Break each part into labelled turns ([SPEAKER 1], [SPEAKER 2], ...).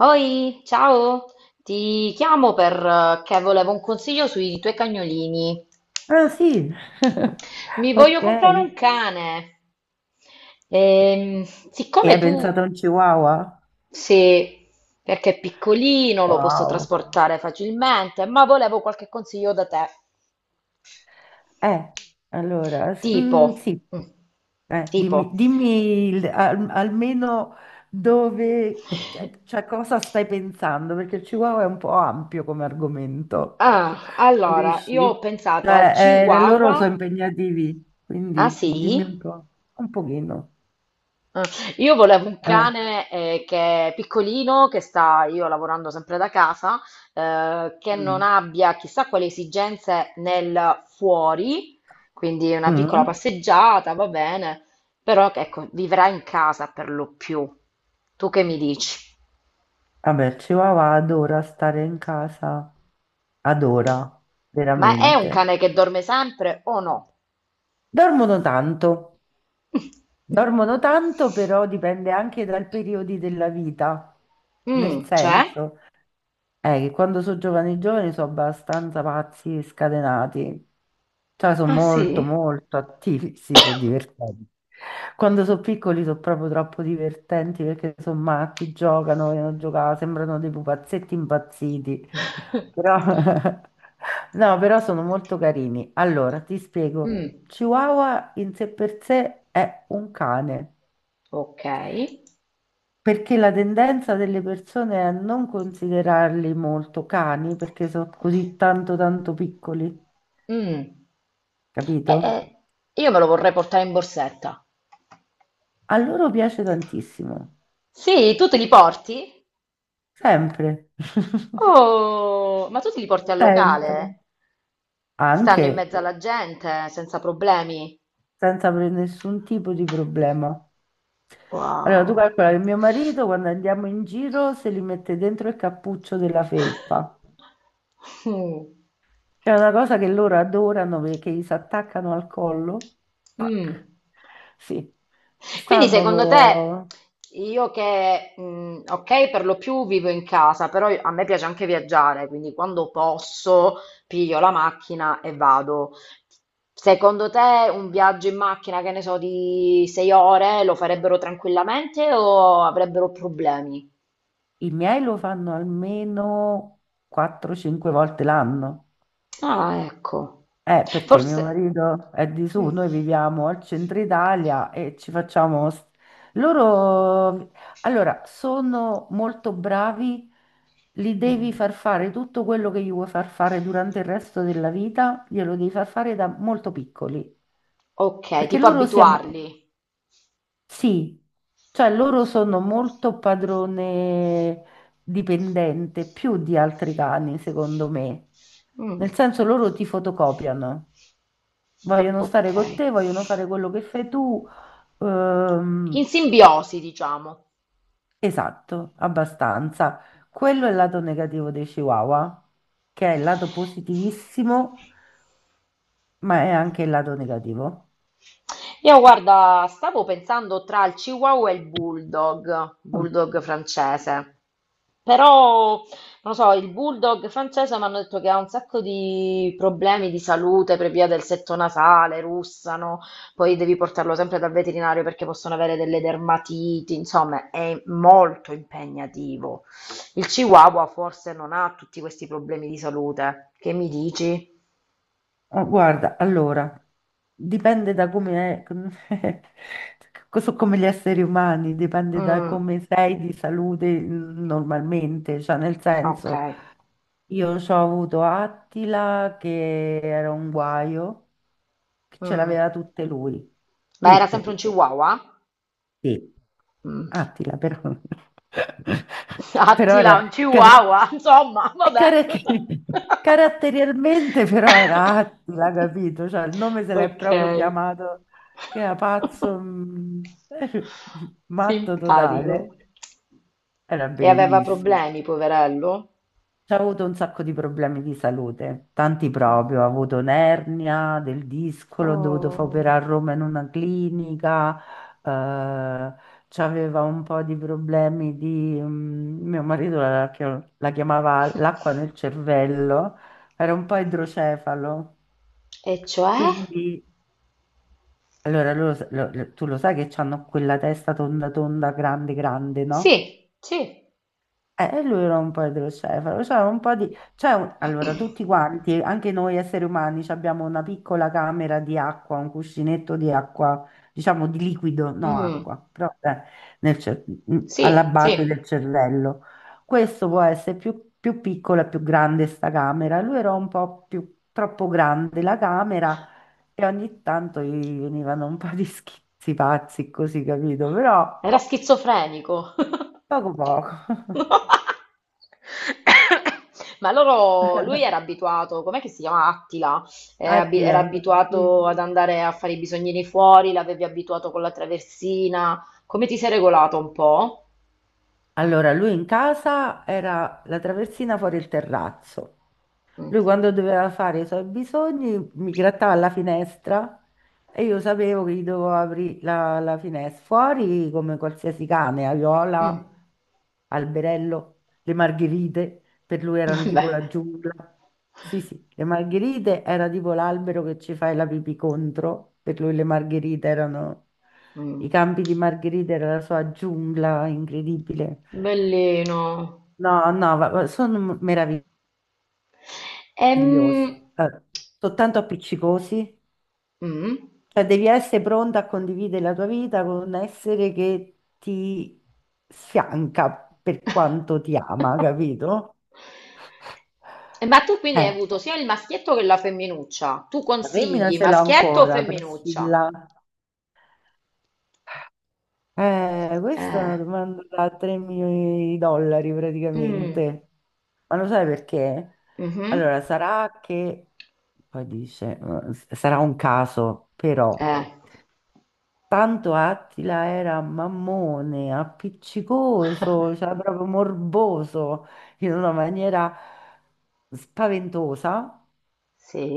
[SPEAKER 1] Oi, ciao, ti chiamo perché volevo un consiglio sui tuoi cagnolini.
[SPEAKER 2] Ah sì,
[SPEAKER 1] Mi voglio
[SPEAKER 2] ok.
[SPEAKER 1] comprare
[SPEAKER 2] E
[SPEAKER 1] un cane. Ehm, siccome
[SPEAKER 2] hai
[SPEAKER 1] tu
[SPEAKER 2] pensato a un chihuahua?
[SPEAKER 1] sei, perché è piccolino, lo posso
[SPEAKER 2] Wow.
[SPEAKER 1] trasportare facilmente, ma volevo qualche consiglio da te.
[SPEAKER 2] Eh, allora,
[SPEAKER 1] Tipo,
[SPEAKER 2] sì.
[SPEAKER 1] mm,
[SPEAKER 2] Eh,
[SPEAKER 1] tipo.
[SPEAKER 2] dimmi, dimmi il- al- almeno dove, cioè cosa stai pensando, perché il chihuahua è un po' ampio come argomento,
[SPEAKER 1] Ah, allora, io ho
[SPEAKER 2] capisci?
[SPEAKER 1] pensato al
[SPEAKER 2] Cioè, loro sono
[SPEAKER 1] Chihuahua.
[SPEAKER 2] impegnativi,
[SPEAKER 1] Ah,
[SPEAKER 2] quindi
[SPEAKER 1] sì?
[SPEAKER 2] dimmi un po', un pochino.
[SPEAKER 1] Ah, io volevo un
[SPEAKER 2] Eh.
[SPEAKER 1] cane che è piccolino, che sta io lavorando sempre da casa, che non
[SPEAKER 2] Mm.
[SPEAKER 1] abbia chissà quali esigenze nel fuori, quindi una piccola
[SPEAKER 2] Mm.
[SPEAKER 1] passeggiata, va bene, però ecco, vivrà in casa per lo più. Tu che mi dici?
[SPEAKER 2] Vabbè, il Chihuahua adora stare in casa, adora,
[SPEAKER 1] Ma è un
[SPEAKER 2] veramente.
[SPEAKER 1] cane che dorme sempre o no?
[SPEAKER 2] Dormono tanto, dormono tanto, però dipende anche dal periodo della vita, nel
[SPEAKER 1] Mm, c'è?
[SPEAKER 2] senso, che quando sono giovani giovani sono abbastanza pazzi e scatenati. Cioè, sono
[SPEAKER 1] Ah sì?
[SPEAKER 2] molto, molto attivi. Sì, sono divertenti. Quando sono piccoli sono proprio troppo divertenti perché sono matti, giocano, vogliono giocare, sembrano dei pupazzetti impazziti. Però. No, però sono molto carini. Allora, ti spiego.
[SPEAKER 1] Mm,
[SPEAKER 2] Chihuahua in sé per sé è un cane.
[SPEAKER 1] ok.
[SPEAKER 2] Perché la tendenza delle persone è a non considerarli molto cani perché sono così tanto tanto piccoli,
[SPEAKER 1] Mm. Eh,
[SPEAKER 2] capito?
[SPEAKER 1] eh, io me lo vorrei portare in borsetta.
[SPEAKER 2] A loro piace tantissimo,
[SPEAKER 1] Sì, tu te li porti?
[SPEAKER 2] sempre,
[SPEAKER 1] Oh, ma tu te li porti al locale?
[SPEAKER 2] sempre,
[SPEAKER 1] Stanno in
[SPEAKER 2] anche
[SPEAKER 1] mezzo alla gente, senza problemi.
[SPEAKER 2] senza avere nessun tipo di problema. Allora, tu
[SPEAKER 1] Wow.
[SPEAKER 2] calcola che mio marito quando andiamo in giro se li mette dentro il cappuccio della felpa,
[SPEAKER 1] Mm.
[SPEAKER 2] che è una cosa che loro adorano perché gli si attaccano al collo.
[SPEAKER 1] Mm.
[SPEAKER 2] Tac. Sì,
[SPEAKER 1] Quindi
[SPEAKER 2] stanno
[SPEAKER 1] secondo Quindi,
[SPEAKER 2] co-
[SPEAKER 1] te, io che, ok, per lo più vivo in casa, però a me piace anche viaggiare, quindi quando posso piglio la macchina e vado. Secondo te un viaggio in macchina, che ne so, di 6 ore lo farebbero tranquillamente o avrebbero problemi?
[SPEAKER 2] I miei lo fanno almeno 4-5 volte l'anno.
[SPEAKER 1] Ah, ecco.
[SPEAKER 2] Perché mio
[SPEAKER 1] Forse.
[SPEAKER 2] marito è di su,
[SPEAKER 1] Mm.
[SPEAKER 2] noi viviamo al centro Italia e ci facciamo... s- Loro, allora, sono molto bravi, li devi
[SPEAKER 1] Mm.
[SPEAKER 2] far fare tutto quello che gli vuoi far fare durante il resto della vita, glielo devi far fare da molto piccoli,
[SPEAKER 1] Ok,
[SPEAKER 2] perché
[SPEAKER 1] tipo
[SPEAKER 2] loro si... ab-
[SPEAKER 1] abituarli.
[SPEAKER 2] Sì, cioè loro sono molto padrone dipendente, più di altri cani, secondo me.
[SPEAKER 1] Mm.
[SPEAKER 2] Nel senso loro ti fotocopiano, vogliono
[SPEAKER 1] Ok.
[SPEAKER 2] stare con te, vogliono fare quello che fai tu.
[SPEAKER 1] In
[SPEAKER 2] Ehm,
[SPEAKER 1] simbiosi, diciamo.
[SPEAKER 2] esatto, abbastanza. Quello è il lato negativo dei Chihuahua, che è il lato positivissimo, ma è anche il lato negativo.
[SPEAKER 1] Io guarda, stavo pensando tra il Chihuahua e il Bulldog,
[SPEAKER 2] Mm.
[SPEAKER 1] Bulldog francese, però non lo so, il Bulldog francese mi hanno detto che ha un sacco di problemi di salute per via del setto nasale, russano, poi devi portarlo sempre dal veterinario perché possono avere delle dermatiti, insomma è molto impegnativo. Il Chihuahua forse non ha tutti questi problemi di salute, che mi dici?
[SPEAKER 2] Ah, guarda, allora, dipende da come è, so come gli esseri umani, dipende da
[SPEAKER 1] Mm,
[SPEAKER 2] come sei di salute, normalmente, cioè nel
[SPEAKER 1] ok.
[SPEAKER 2] senso, io ho avuto Attila che era un guaio, che ce
[SPEAKER 1] Mm.
[SPEAKER 2] l'aveva tutte lui,
[SPEAKER 1] Ma era sempre
[SPEAKER 2] tutte.
[SPEAKER 1] un chihuahua?
[SPEAKER 2] Sì.
[SPEAKER 1] Mm.
[SPEAKER 2] Attila, però. Però
[SPEAKER 1] Attila,
[SPEAKER 2] era...
[SPEAKER 1] un chihuahua, insomma,
[SPEAKER 2] e
[SPEAKER 1] vabbè.
[SPEAKER 2] car- caratterialmente però era Attila, capito? Cioè il nome se l'è
[SPEAKER 1] Ok,
[SPEAKER 2] proprio chiamato, che era pazzo, matto
[SPEAKER 1] simpatico.
[SPEAKER 2] totale. Era
[SPEAKER 1] E aveva
[SPEAKER 2] bellissimo.
[SPEAKER 1] problemi, poverello?
[SPEAKER 2] C'ha avuto un sacco di problemi di salute, tanti
[SPEAKER 1] Mm.
[SPEAKER 2] proprio, ha avuto un'ernia del disco, l'ho dovuto fare
[SPEAKER 1] Oh.
[SPEAKER 2] operare a Roma in una clinica, eh, c'aveva un po' di problemi, mio marito la chiamava l'acqua nel cervello, era un po' idrocefalo,
[SPEAKER 1] E cioè?
[SPEAKER 2] quindi... Allora, loro sa- lo- lo- tu lo sai che hanno quella testa tonda tonda, grande grande, no?
[SPEAKER 1] Sì, sì.
[SPEAKER 2] Lui era un po' idrocefalo, cioè un po' di... cioè, allora, tutti quanti, anche noi esseri umani, ci abbiamo una piccola camera di acqua, un cuscinetto di acqua, diciamo di liquido, no
[SPEAKER 1] Mm.
[SPEAKER 2] acqua, però nel cer- alla
[SPEAKER 1] Sì,
[SPEAKER 2] base
[SPEAKER 1] sì.
[SPEAKER 2] del cervello. Questo può essere più piccolo e più grande sta camera. Lui era un po' più troppo grande la camera e ogni tanto gli venivano un po' di schizzi pazzi, così, capito? Però
[SPEAKER 1] Era schizofrenico.
[SPEAKER 2] poco poco.
[SPEAKER 1] No. Ma loro, lui era abituato, com'è che si chiama Attila? Era
[SPEAKER 2] Attila. Sì.
[SPEAKER 1] abituato ad andare a fare i bisognini fuori, l'avevi abituato con la traversina. Come ti sei regolato un po'?
[SPEAKER 2] Allora, lui in casa era la traversina fuori il terrazzo.
[SPEAKER 1] Mm.
[SPEAKER 2] Lui quando doveva fare i suoi bisogni mi grattava alla finestra e io sapevo che gli dovevo aprire la finestra. Fuori come qualsiasi cane,
[SPEAKER 1] Mm.
[SPEAKER 2] Aiola, Alberello, le margherite, per lui erano tipo
[SPEAKER 1] Beh.
[SPEAKER 2] la giungla. Sì, sì, le margherite era tipo l'albero che ci fai la pipì contro, per lui le margherite erano...
[SPEAKER 1] Mm.
[SPEAKER 2] I campi di margherite era la sua giungla incredibile.
[SPEAKER 1] Bellino.
[SPEAKER 2] No, no, sono meravigliosi,
[SPEAKER 1] Ehm,
[SPEAKER 2] eh, soltanto appiccicosi.
[SPEAKER 1] mm.
[SPEAKER 2] Cioè, devi essere pronta a condividere la tua vita con un essere che ti fianca per
[SPEAKER 1] Eh,
[SPEAKER 2] quanto ti ama, capito?
[SPEAKER 1] Ma tu quindi hai
[SPEAKER 2] Eh,
[SPEAKER 1] avuto sia il maschietto che la femminuccia. Tu
[SPEAKER 2] la femmina
[SPEAKER 1] consigli
[SPEAKER 2] ce l'ho
[SPEAKER 1] maschietto o
[SPEAKER 2] ancora,
[SPEAKER 1] femminuccia?
[SPEAKER 2] Priscilla. Questa è
[SPEAKER 1] Eh.
[SPEAKER 2] una domanda da 3 milioni di dollari
[SPEAKER 1] Mm,
[SPEAKER 2] praticamente. Ma lo sai perché?
[SPEAKER 1] mhm,
[SPEAKER 2] Allora, sarà che, poi dice, sarà un caso, però,
[SPEAKER 1] eh.
[SPEAKER 2] tanto Attila era mammone, appiccicoso, cioè proprio morboso, in una maniera spaventosa,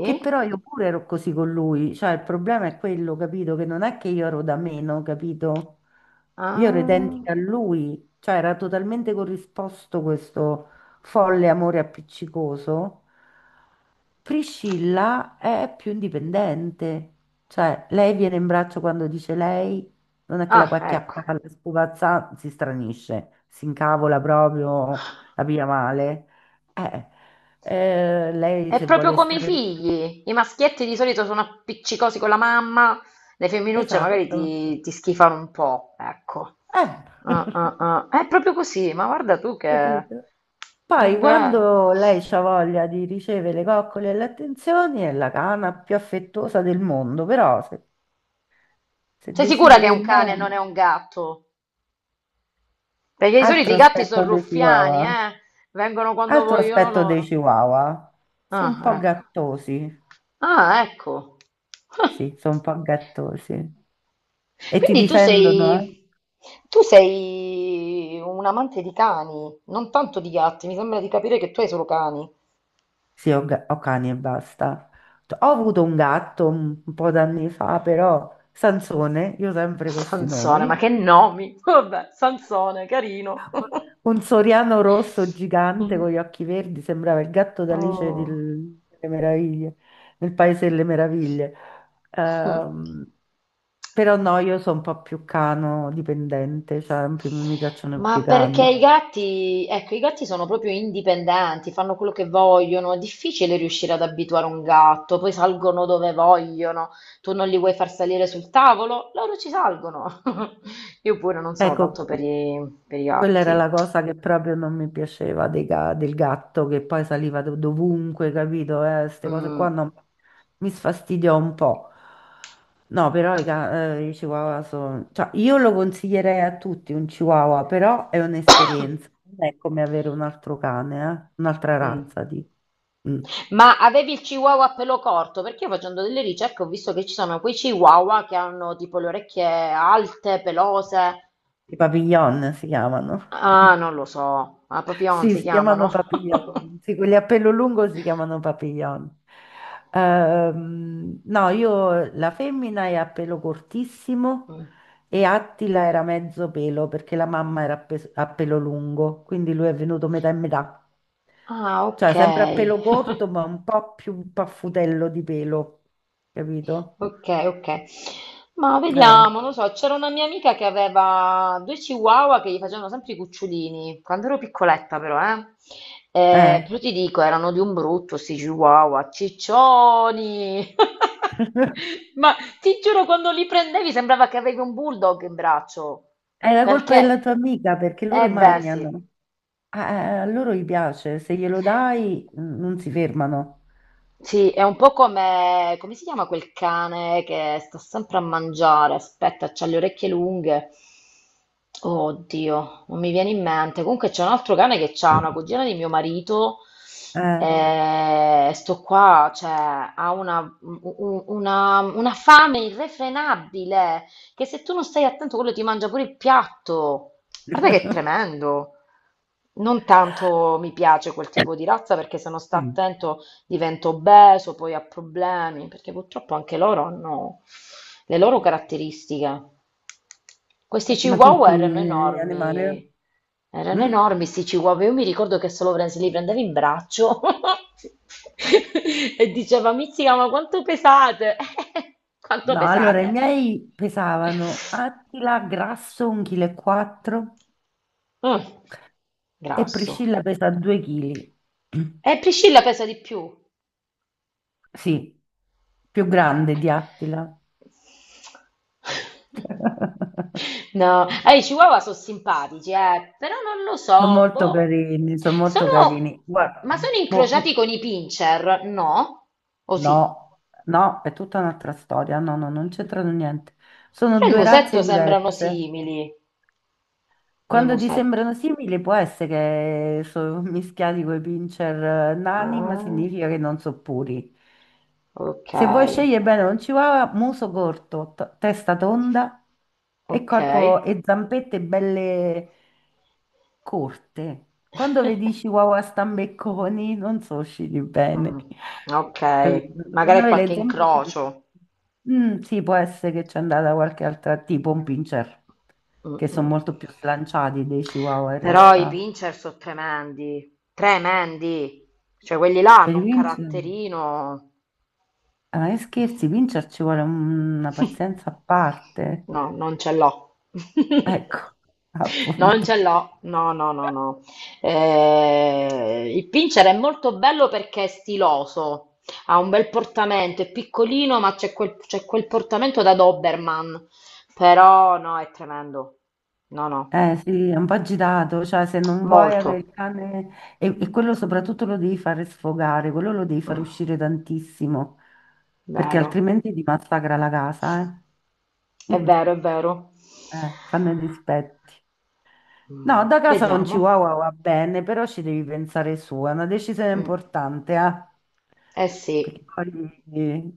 [SPEAKER 2] che però io pure ero così con lui, cioè il problema è quello, capito? Che non è che io ero da meno, capito? Io ero
[SPEAKER 1] Ah,
[SPEAKER 2] identica a lui, cioè era totalmente corrisposto questo folle amore appiccicoso. Priscilla è più indipendente, cioè lei viene in braccio quando dice lei, non è che la
[SPEAKER 1] ah,
[SPEAKER 2] puoi
[SPEAKER 1] ecco.
[SPEAKER 2] acchiappare, la spupazza, si stranisce, si incavola proprio, la piglia male. Eh, Lei
[SPEAKER 1] È
[SPEAKER 2] se
[SPEAKER 1] proprio
[SPEAKER 2] vuole
[SPEAKER 1] come i
[SPEAKER 2] stare...
[SPEAKER 1] figli. I maschietti di solito sono appiccicosi con la mamma, le femminucce magari
[SPEAKER 2] Esatto,
[SPEAKER 1] ti schifano un po', ecco.
[SPEAKER 2] eh,
[SPEAKER 1] Ah, ah, ah. È proprio così, ma guarda tu che.
[SPEAKER 2] capito?
[SPEAKER 1] È
[SPEAKER 2] Poi
[SPEAKER 1] vero.
[SPEAKER 2] quando lei ha voglia di ricevere le coccole e le attenzioni è la cana più affettuosa del mondo, però se
[SPEAKER 1] Sei sicura
[SPEAKER 2] decide
[SPEAKER 1] che è
[SPEAKER 2] che
[SPEAKER 1] un cane e non
[SPEAKER 2] no,
[SPEAKER 1] è un gatto? Perché di solito
[SPEAKER 2] altro
[SPEAKER 1] i gatti sono
[SPEAKER 2] aspetto dei
[SPEAKER 1] ruffiani,
[SPEAKER 2] Chihuahua,
[SPEAKER 1] eh? Vengono quando
[SPEAKER 2] altro
[SPEAKER 1] vogliono
[SPEAKER 2] aspetto dei
[SPEAKER 1] loro.
[SPEAKER 2] Chihuahua,
[SPEAKER 1] Ah,
[SPEAKER 2] sono un po'
[SPEAKER 1] ecco.
[SPEAKER 2] gattosi,
[SPEAKER 1] Ah, ecco.
[SPEAKER 2] sì, sono un po' gattosi e ti
[SPEAKER 1] Quindi tu
[SPEAKER 2] difendono, eh?
[SPEAKER 1] sei, tu sei un amante di cani, non tanto di gatti. Mi sembra di capire che tu hai solo cani.
[SPEAKER 2] Sì, ho cani e basta. Ho avuto un gatto un po' d'anni fa, però Sansone, io sempre con questi
[SPEAKER 1] Sansone, ma che
[SPEAKER 2] nomi.
[SPEAKER 1] nomi! Vabbè, Sansone, carino.
[SPEAKER 2] Un soriano rosso gigante
[SPEAKER 1] Mm.
[SPEAKER 2] con gli occhi verdi, sembrava il gatto d'Alice
[SPEAKER 1] Oh.
[SPEAKER 2] delle Meraviglie, nel Paese delle Meraviglie.
[SPEAKER 1] Mm.
[SPEAKER 2] Ehm, Però no, io sono un po' più cano dipendente, cioè mi piacciono più
[SPEAKER 1] Ma
[SPEAKER 2] i
[SPEAKER 1] perché
[SPEAKER 2] cani.
[SPEAKER 1] i gatti, ecco, i gatti sono proprio indipendenti, fanno quello che vogliono, è difficile riuscire ad abituare un gatto, poi salgono dove vogliono, tu non li vuoi far salire sul tavolo, loro ci salgono. Io pure non sono
[SPEAKER 2] Ecco,
[SPEAKER 1] tanto per i
[SPEAKER 2] quella era
[SPEAKER 1] gatti.
[SPEAKER 2] la cosa che proprio non mi piaceva del gatto che poi saliva dovunque, capito? Queste cose qua
[SPEAKER 1] Mm.
[SPEAKER 2] mi sfastidiò un po'. No, però i chihuahua sono... Cioè, io lo consiglierei a tutti un chihuahua, però è un'esperienza. Non è come avere un altro cane, eh? Un'altra
[SPEAKER 1] Mm.
[SPEAKER 2] razza di... mm.
[SPEAKER 1] Ma avevi il chihuahua a pelo corto? Perché io facendo delle ricerche ho visto che ci sono quei chihuahua che hanno tipo le orecchie alte, pelose.
[SPEAKER 2] I papillon si chiamano.
[SPEAKER 1] Ah, non lo so, a Papillon
[SPEAKER 2] Sì,
[SPEAKER 1] si
[SPEAKER 2] si chiamano
[SPEAKER 1] chiamano.
[SPEAKER 2] papillon. Sì, quelli a pelo lungo si chiamano papillon. No, io la femmina è a pelo cortissimo e Attila era mezzo pelo perché la mamma era a pelo lungo, quindi lui è venuto metà e metà.
[SPEAKER 1] Ah,
[SPEAKER 2] Cioè,
[SPEAKER 1] ok,
[SPEAKER 2] sempre a pelo corto, ma un po' più paffutello di pelo, capito?
[SPEAKER 1] ok, ok. Ma
[SPEAKER 2] Eh,
[SPEAKER 1] vediamo, non so, c'era una mia amica che aveva due chihuahua che gli facevano sempre i cucciolini, quando ero piccoletta però, eh.
[SPEAKER 2] eh.
[SPEAKER 1] Però ti dico, erano di un brutto sti chihuahua, ciccioni. Ma ti giuro, quando li prendevi sembrava che avevi un bulldog in braccio,
[SPEAKER 2] È la colpa
[SPEAKER 1] perché.
[SPEAKER 2] della tua amica perché loro
[SPEAKER 1] Eh beh, sì.
[SPEAKER 2] mangiano. Ah, a loro gli piace, se glielo dai, non si fermano.
[SPEAKER 1] Sì, è un po' come, come si chiama quel cane che sta sempre a mangiare, aspetta, c'ha le orecchie lunghe. Oddio, non mi viene in mente. Comunque c'è un altro cane che c'ha una cugina di mio marito.
[SPEAKER 2] Eh.
[SPEAKER 1] Mm. E sto qua, cioè, ha una fame irrefrenabile che se tu non stai attento, quello ti mangia pure il piatto. Guarda che è tremendo. Non tanto mi piace quel tipo di razza perché se non sta
[SPEAKER 2] Mm.
[SPEAKER 1] attento diventa obeso, poi ha problemi, perché purtroppo anche loro hanno le loro caratteristiche. Questi
[SPEAKER 2] Ma tutti
[SPEAKER 1] chihuahua
[SPEAKER 2] gli animali? Eh?
[SPEAKER 1] erano
[SPEAKER 2] Mm?
[SPEAKER 1] enormi questi chihuahua. Io mi ricordo che solo se li prendevi in braccio e diceva, Mizzica, ma quanto pesate? Quanto
[SPEAKER 2] No, allora i
[SPEAKER 1] pesate?
[SPEAKER 2] miei pesavano Attila grasso 1,4 kg e quattro
[SPEAKER 1] Mm,
[SPEAKER 2] e
[SPEAKER 1] grasso.
[SPEAKER 2] Priscilla pesa 2 kg.
[SPEAKER 1] E Priscilla pesa di più.
[SPEAKER 2] Sì, più grande di Attila.
[SPEAKER 1] No, i Chihuahua sono simpatici, però non lo
[SPEAKER 2] Sono
[SPEAKER 1] so,
[SPEAKER 2] molto
[SPEAKER 1] boh.
[SPEAKER 2] carini, sono molto carini.
[SPEAKER 1] Sono, ma
[SPEAKER 2] Guarda,
[SPEAKER 1] sono
[SPEAKER 2] boh.
[SPEAKER 1] incrociati con i pincher? No? O sì?
[SPEAKER 2] No, no, è tutta un'altra storia. No, no, non c'entrano niente. Sono
[SPEAKER 1] Però il
[SPEAKER 2] due
[SPEAKER 1] musetto
[SPEAKER 2] razze
[SPEAKER 1] sembrano
[SPEAKER 2] diverse.
[SPEAKER 1] simili nel
[SPEAKER 2] Quando ti
[SPEAKER 1] musetto.
[SPEAKER 2] sembrano simili, può essere che sono mischiati coi pincher, nani, ma
[SPEAKER 1] Ah,
[SPEAKER 2] significa che non sono puri.
[SPEAKER 1] ok,
[SPEAKER 2] Se vuoi scegliere bene un chihuahua, muso corto, testa tonda e
[SPEAKER 1] ok.
[SPEAKER 2] corpo e zampette belle, corte. Quando vedi Chihuahua stambecconi, non so usciti bene.
[SPEAKER 1] Mm, ok,
[SPEAKER 2] Capito? Devono
[SPEAKER 1] magari
[SPEAKER 2] avere
[SPEAKER 1] qualche
[SPEAKER 2] le zampe più.
[SPEAKER 1] incrocio.
[SPEAKER 2] Sì, può essere che c'è andata qualche altra, tipo un pincher, che sono
[SPEAKER 1] Mm-mm.
[SPEAKER 2] molto più slanciati dei Chihuahua in
[SPEAKER 1] Però i
[SPEAKER 2] realtà.
[SPEAKER 1] pincher sono tremendi, tremendi. Cioè, quelli là
[SPEAKER 2] Per
[SPEAKER 1] hanno
[SPEAKER 2] i
[SPEAKER 1] un
[SPEAKER 2] pincher,
[SPEAKER 1] caratterino.
[SPEAKER 2] ah, ma che scherzi, i pincher ci vuole una pazienza a parte.
[SPEAKER 1] No, non ce l'ho.
[SPEAKER 2] Ecco,
[SPEAKER 1] Non
[SPEAKER 2] appunto.
[SPEAKER 1] ce l'ho. No, no, no, no. Il pincher è molto bello perché è stiloso. Ha un bel portamento, è piccolino, ma c'è quel portamento da Doberman. Però no, è tremendo. No, no,
[SPEAKER 2] Eh sì, è un po' agitato, cioè se non vuoi avere
[SPEAKER 1] molto.
[SPEAKER 2] il cane e quello soprattutto lo devi fare sfogare, quello lo devi far uscire tantissimo, perché
[SPEAKER 1] Vero,
[SPEAKER 2] altrimenti ti massacra la casa, eh.
[SPEAKER 1] è vero, è vero.
[SPEAKER 2] Fanno i dispetti. No,
[SPEAKER 1] Ma
[SPEAKER 2] da casa un
[SPEAKER 1] vediamo.
[SPEAKER 2] chihuahua va bene, però ci devi pensare su, è una decisione
[SPEAKER 1] Mm.
[SPEAKER 2] importante, eh.
[SPEAKER 1] Eh
[SPEAKER 2] Perché
[SPEAKER 1] sì,
[SPEAKER 2] poi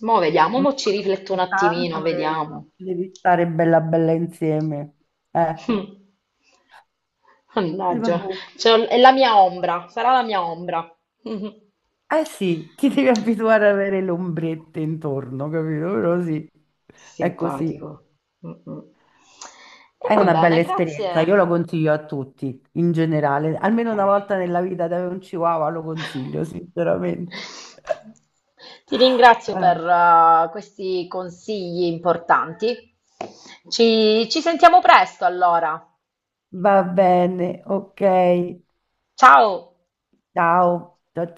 [SPEAKER 1] mo vediamo,
[SPEAKER 2] mi
[SPEAKER 1] mo ci
[SPEAKER 2] sono
[SPEAKER 1] rifletto un attimino,
[SPEAKER 2] tanto e
[SPEAKER 1] vediamo.
[SPEAKER 2] ci devi stare bella bella insieme. Eh.
[SPEAKER 1] Mm.
[SPEAKER 2] E vabbè.
[SPEAKER 1] Mannaggia, è la mia ombra, sarà la mia ombra.
[SPEAKER 2] Eh sì, ti devi abituare ad avere le ombrette intorno, capito? Però sì, è così.
[SPEAKER 1] Simpatico. Mm, mm. E
[SPEAKER 2] È
[SPEAKER 1] va
[SPEAKER 2] una
[SPEAKER 1] bene,
[SPEAKER 2] bella esperienza, io
[SPEAKER 1] grazie.
[SPEAKER 2] lo consiglio a tutti, in generale.
[SPEAKER 1] Ok.
[SPEAKER 2] Almeno una volta nella vita da avere un chihuahua lo consiglio, sinceramente.
[SPEAKER 1] Ti ringrazio per
[SPEAKER 2] Eh,
[SPEAKER 1] questi consigli importanti. Ci sentiamo presto allora.
[SPEAKER 2] Va bene, ok.
[SPEAKER 1] Ciao!
[SPEAKER 2] Ciao. Ciao.